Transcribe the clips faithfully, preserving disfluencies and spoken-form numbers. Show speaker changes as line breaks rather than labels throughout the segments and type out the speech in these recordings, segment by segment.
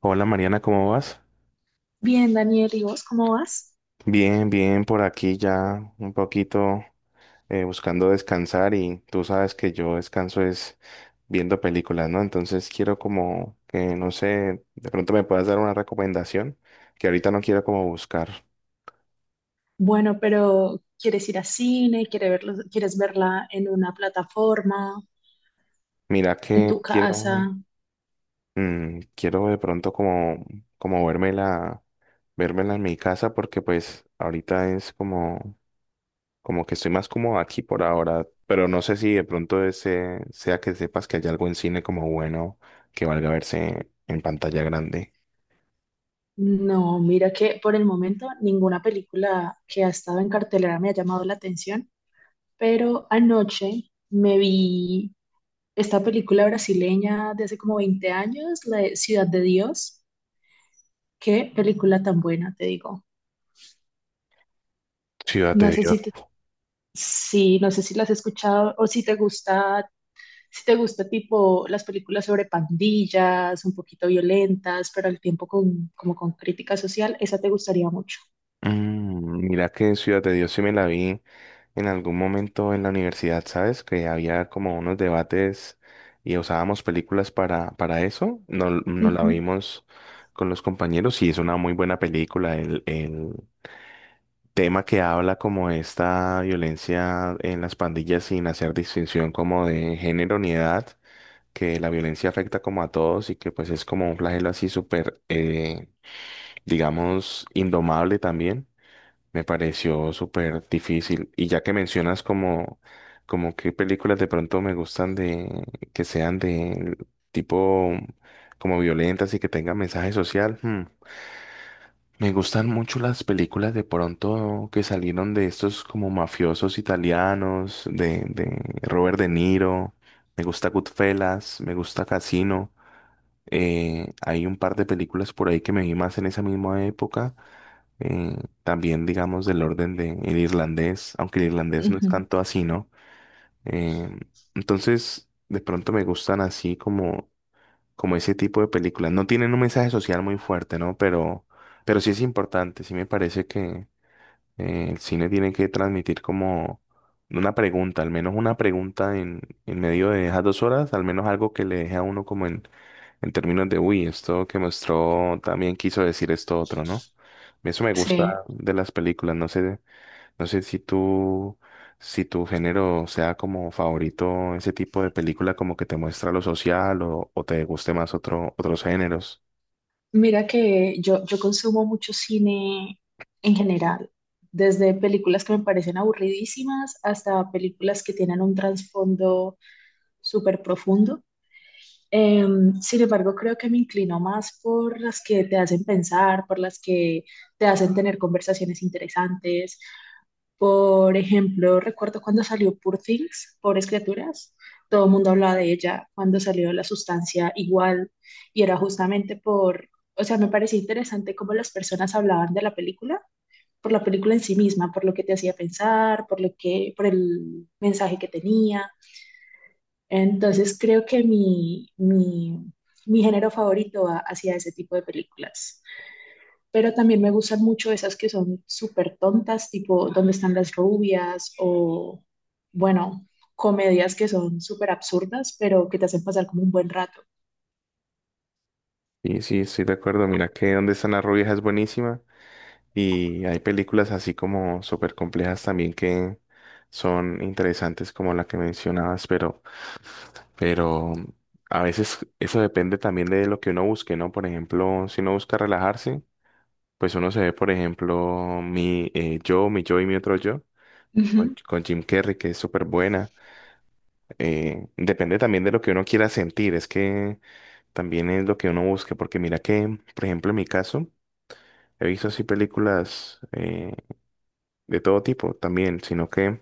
Hola Mariana, ¿cómo vas?
Bien, Daniel, ¿y vos cómo vas?
Bien, bien, por aquí ya un poquito eh, buscando descansar y tú sabes que yo descanso es viendo películas, ¿no? Entonces quiero como que, no sé, de pronto me puedas dar una recomendación que ahorita no quiero como buscar.
Bueno, pero ¿quieres ir a cine? ¿Quieres verlo- quieres verla en una plataforma?
Mira
¿En
que
tu casa?
quiero, mm, quiero de pronto como, como vérmela, vérmela en mi casa porque pues ahorita es como Como que estoy más como aquí por ahora, pero no sé si de pronto ese sea que sepas que hay algo en cine como bueno que valga verse en pantalla grande.
No, mira que por el momento ninguna película que ha estado en cartelera me ha llamado la atención, pero anoche me vi esta película brasileña de hace como veinte años, la de Ciudad de Dios. Qué película tan buena, te digo.
Ciudad de
No sé
Dios.
si te- sí, no sé si la has escuchado o si te gusta si te gusta tipo las películas sobre pandillas, un poquito violentas, pero al tiempo con, como con crítica social, esa te gustaría mucho.
Mm, mira que Ciudad de Dios sí me la vi en algún momento en la universidad, ¿sabes? Que había como unos debates y usábamos películas para, para eso. No, no la
Ujú,
vimos con los compañeros y es una muy buena película. el el tema que habla como de esta violencia en las pandillas sin hacer distinción como de género ni edad, que la violencia afecta como a todos y que pues es como un flagelo así súper, eh, digamos, indomable también. Me pareció súper difícil. Y ya que mencionas como, como qué películas de pronto me gustan de, que sean de tipo como violentas y que tengan mensaje social, hmm, me gustan mucho las películas de pronto que salieron de estos como mafiosos italianos, de, de Robert De Niro. Me gusta Goodfellas, me gusta Casino. Eh, hay un par de películas por ahí que me vi más en esa misma época. eh, También, digamos, del orden de el irlandés, aunque el irlandés no es
ujú.
tanto así, ¿no? Eh, entonces, de pronto me gustan así como como ese tipo de películas. No tienen un mensaje social muy fuerte, ¿no? Pero, pero sí es importante, sí me parece que eh, el cine tiene que transmitir como una pregunta, al menos una pregunta en, en medio de esas dos horas, al menos algo que le deje a uno como en, en términos de, uy, esto que mostró también quiso decir esto otro, ¿no? Eso me gusta
Sí,
de las películas, no sé. No sé si tú, si tu género sea como favorito ese tipo de película como que te muestra lo social o, o te guste más otro, otros géneros.
mira que yo, yo consumo mucho cine en general, desde películas que me parecen aburridísimas hasta películas que tienen un trasfondo súper profundo. Em, sin embargo, creo que me inclino más por las que te hacen pensar, por las que te hacen tener conversaciones interesantes. Por ejemplo, recuerdo cuando salió Poor Things, Pobres Criaturas, todo el mundo hablaba de ella cuando salió La Sustancia igual, y era justamente por, o sea, me parecía interesante cómo las personas hablaban de la película, por la película en sí misma, por lo que te hacía pensar, por lo que, por el mensaje que tenía. Entonces creo que mi, mi, mi género favorito va hacia ese tipo de películas, pero también me gustan mucho esas que son súper tontas, tipo ¿Dónde están las rubias? O, bueno, comedias que son súper absurdas, pero que te hacen pasar como un buen rato.
Y sí, estoy de acuerdo. Mira que Dónde están las rubias es buenísima y hay películas así como súper complejas también que son interesantes como la que mencionabas, pero, pero a veces eso depende también de lo que uno busque, ¿no? Por ejemplo, si uno busca relajarse, pues uno se ve, por ejemplo, mi eh, yo, mi yo y mi otro yo. con,
Ujú.
con Jim Carrey, que es súper buena. Eh, depende también de lo que uno quiera sentir, es que también es lo que uno busque, porque mira que, por ejemplo, en mi caso, he visto así películas eh, de todo tipo también, sino que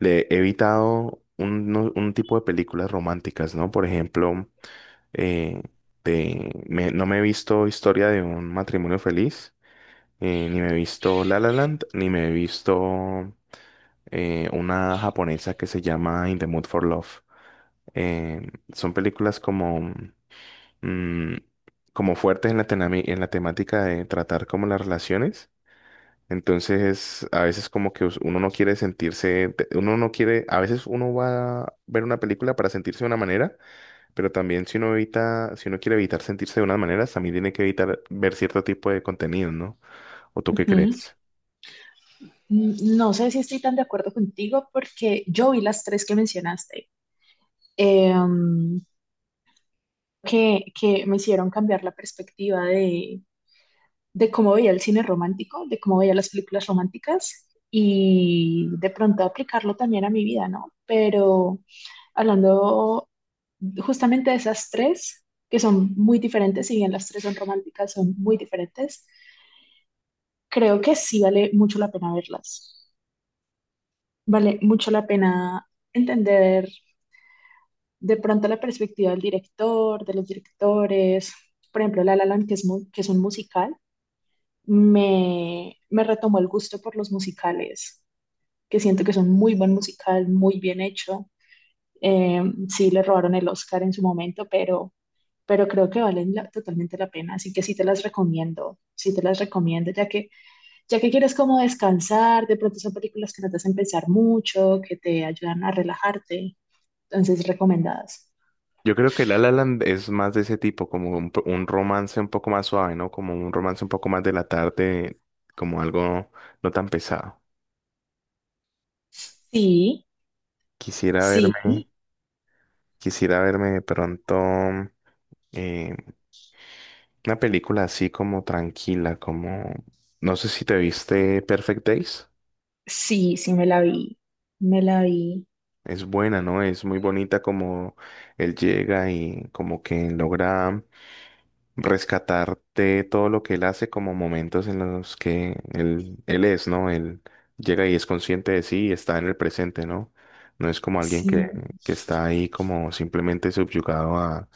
le he evitado un, no- un tipo de películas románticas, ¿no? Por ejemplo, eh, de- me- no me he visto Historia de un matrimonio feliz, eh, ni me he visto La La Land, ni me he visto eh, una japonesa que se llama In the Mood for Love. Eh, son películas como, mm, como fuertes en la, tenami- en la temática de tratar como las relaciones. Entonces, a veces como que us- uno no quiere sentirse, te- uno no quiere, a veces uno va a ver una película para sentirse de una manera, pero también si uno evita, si uno quiere evitar sentirse de unas maneras, también tiene que evitar ver cierto tipo de contenido, ¿no? ¿O tú qué
Ujú.
crees?
Mm, No sé si estoy tan de acuerdo contigo porque yo vi las tres que mencionaste, em, que, que me hicieron cambiar la perspectiva de, de cómo veía el cine romántico, de cómo veía las películas románticas y de pronto aplicarlo también a mi vida, ¿no? Pero hablando justamente de esas tres, que son muy diferentes, si bien las tres son románticas, son muy diferentes, creo que sí vale mucho la pena verlas. Vale mucho la pena entender de pronto la perspectiva del director, de los directores. Por ejemplo, La La Land, que es, mu- que es un musical, me, me retomó el gusto por los musicales, que siento que son muy buen musical, muy bien hecho. Eh, sí, le robaron el Oscar en su momento, pero pero creo que valen la- totalmente la pena, así que sí te las recomiendo, sí te las recomiendo, ya que, ya que quieres como descansar, de pronto son películas que no te hacen pensar mucho, que te ayudan a relajarte, entonces recomendadas.
Yo creo que La La Land es más de ese tipo, como un, po- un romance un poco más suave, ¿no? Como un romance un poco más de la tarde, como algo no tan pesado.
Sí,
Quisiera verme,
sí,
quisiera verme de pronto eh, una película así como tranquila, como... No sé si te viste Perfect Days.
sí, sí me la vi, me la vi,
Es buena, ¿no? Es muy bonita como él llega y como que logra rescatar de todo lo que él hace como momentos en los que él, él es, ¿no? Él llega y es consciente de sí y está en el presente, ¿no? No es como alguien que,
sí,
que está ahí como simplemente subyugado a,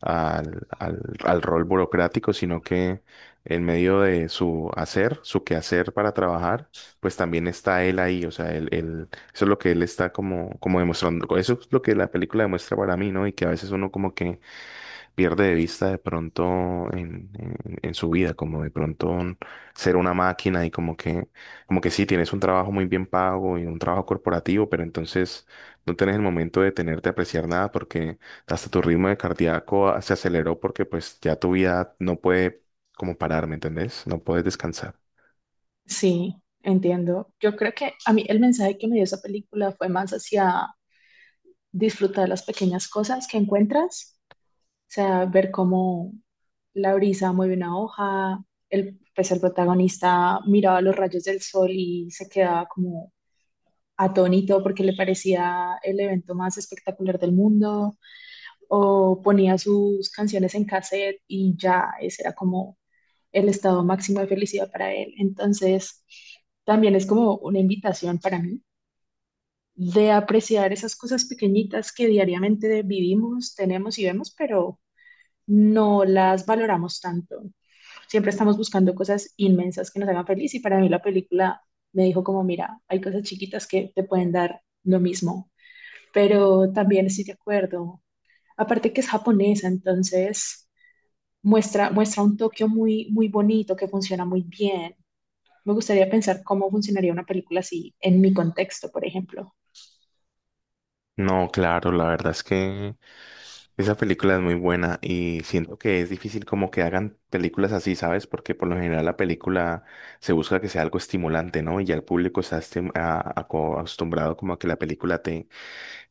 al, al, al rol burocrático, sino que en medio de su hacer, su quehacer para trabajar, pues también está él ahí, o sea, él, él- eso es lo que él está como, como demostrando, eso es lo que la película demuestra para mí, ¿no? Y que a veces uno como que pierde de vista de pronto en, en- en su vida, como de pronto un- ser una máquina y como que, como que sí, tienes un trabajo muy bien pago y un trabajo corporativo, pero entonces no tenés el momento de tenerte a apreciar nada porque hasta tu ritmo de cardíaco ah, se aceleró porque pues ya tu vida no puede como parar, ¿me entendés? No puedes descansar.
sí, entiendo. Yo creo que a mí el mensaje que me dio esa película fue más hacia disfrutar las pequeñas cosas que encuentras, sea, ver cómo la brisa mueve una hoja, el, pues el protagonista miraba los rayos del sol y se quedaba como atónito porque le parecía el evento más espectacular del mundo, o ponía sus canciones en cassette y ya ese era como el estado máximo de felicidad para él. Entonces, también es como una invitación para mí de apreciar esas cosas pequeñitas que diariamente vivimos, tenemos y vemos, pero no las valoramos tanto. Siempre estamos buscando cosas inmensas que nos hagan feliz y para mí la película me dijo como, mira, hay cosas chiquitas que te pueden dar lo mismo, pero también estoy de acuerdo. Aparte que es japonesa, entonces muestra, muestra un Tokio muy, muy bonito que funciona muy bien. Me gustaría pensar cómo funcionaría una película así en mi contexto, por ejemplo.
No, claro, la verdad es que esa película es muy buena y siento que es difícil como que hagan películas así, ¿sabes? Porque por lo general la película se busca que sea algo estimulante, ¿no? Y ya el público está estim- a- aco- acostumbrado como a que la película te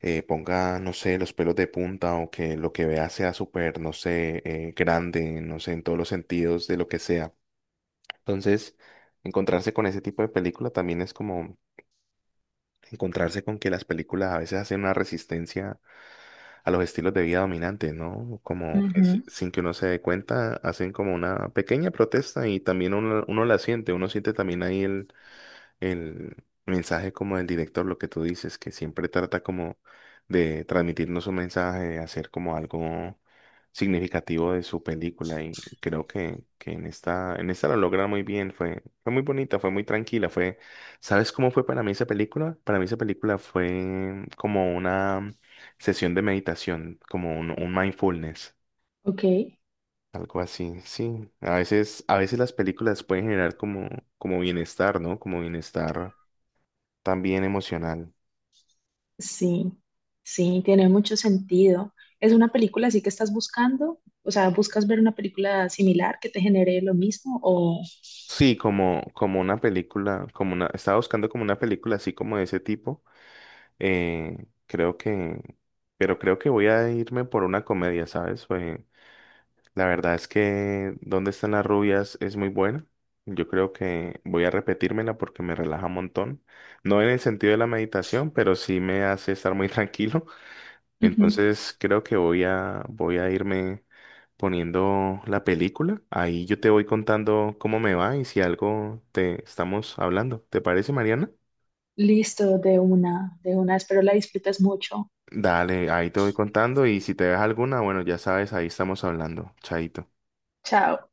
eh, ponga, no sé, los pelos de punta o que lo que veas sea súper, no sé, eh, grande, no sé, en todos los sentidos de lo que sea. Entonces, encontrarse con ese tipo de película también es como encontrarse con que las películas a veces hacen una resistencia a los estilos de vida dominantes, ¿no? Como que
Ujú.
si- sin que uno se dé cuenta, hacen como una pequeña protesta y también uno, uno la siente, uno siente también ahí el mensaje como del director, lo que tú dices, que siempre trata como de transmitirnos un mensaje, de hacer como algo significativo de su película y creo que, que en esta, en esta lo logra muy bien, fue, fue muy bonita, fue muy tranquila, fue, ¿sabes cómo fue para mí esa película? Para mí esa película fue como una sesión de meditación, como un, un mindfulness.
Ok,
Algo así, sí. A veces, a veces las películas pueden generar como, como bienestar, ¿no? Como bienestar también emocional.
sí, sí, tiene mucho sentido. ¿Es una película así que estás buscando? O sea, ¿buscas ver una película similar que te genere lo mismo? O
Sí, como, como una película, como una, estaba buscando como una película así como de ese tipo. eh, Creo que, pero creo que voy a irme por una comedia, ¿sabes? Pues, la verdad es que ¿Dónde están las rubias? Es muy buena. Yo creo que voy a repetírmela porque me relaja un montón. No en el sentido de la meditación, pero sí me hace estar muy tranquilo.
Ujú.
Entonces creo que voy a, voy a irme poniendo la película. Ahí yo te voy contando cómo me va y si algo te estamos hablando. ¿Te parece, Mariana?
Listo, de una, de una, espero la disfrutes mucho.
Dale, ahí te voy contando y si te ves alguna, bueno, ya sabes, ahí estamos hablando. Chaito.
Chao.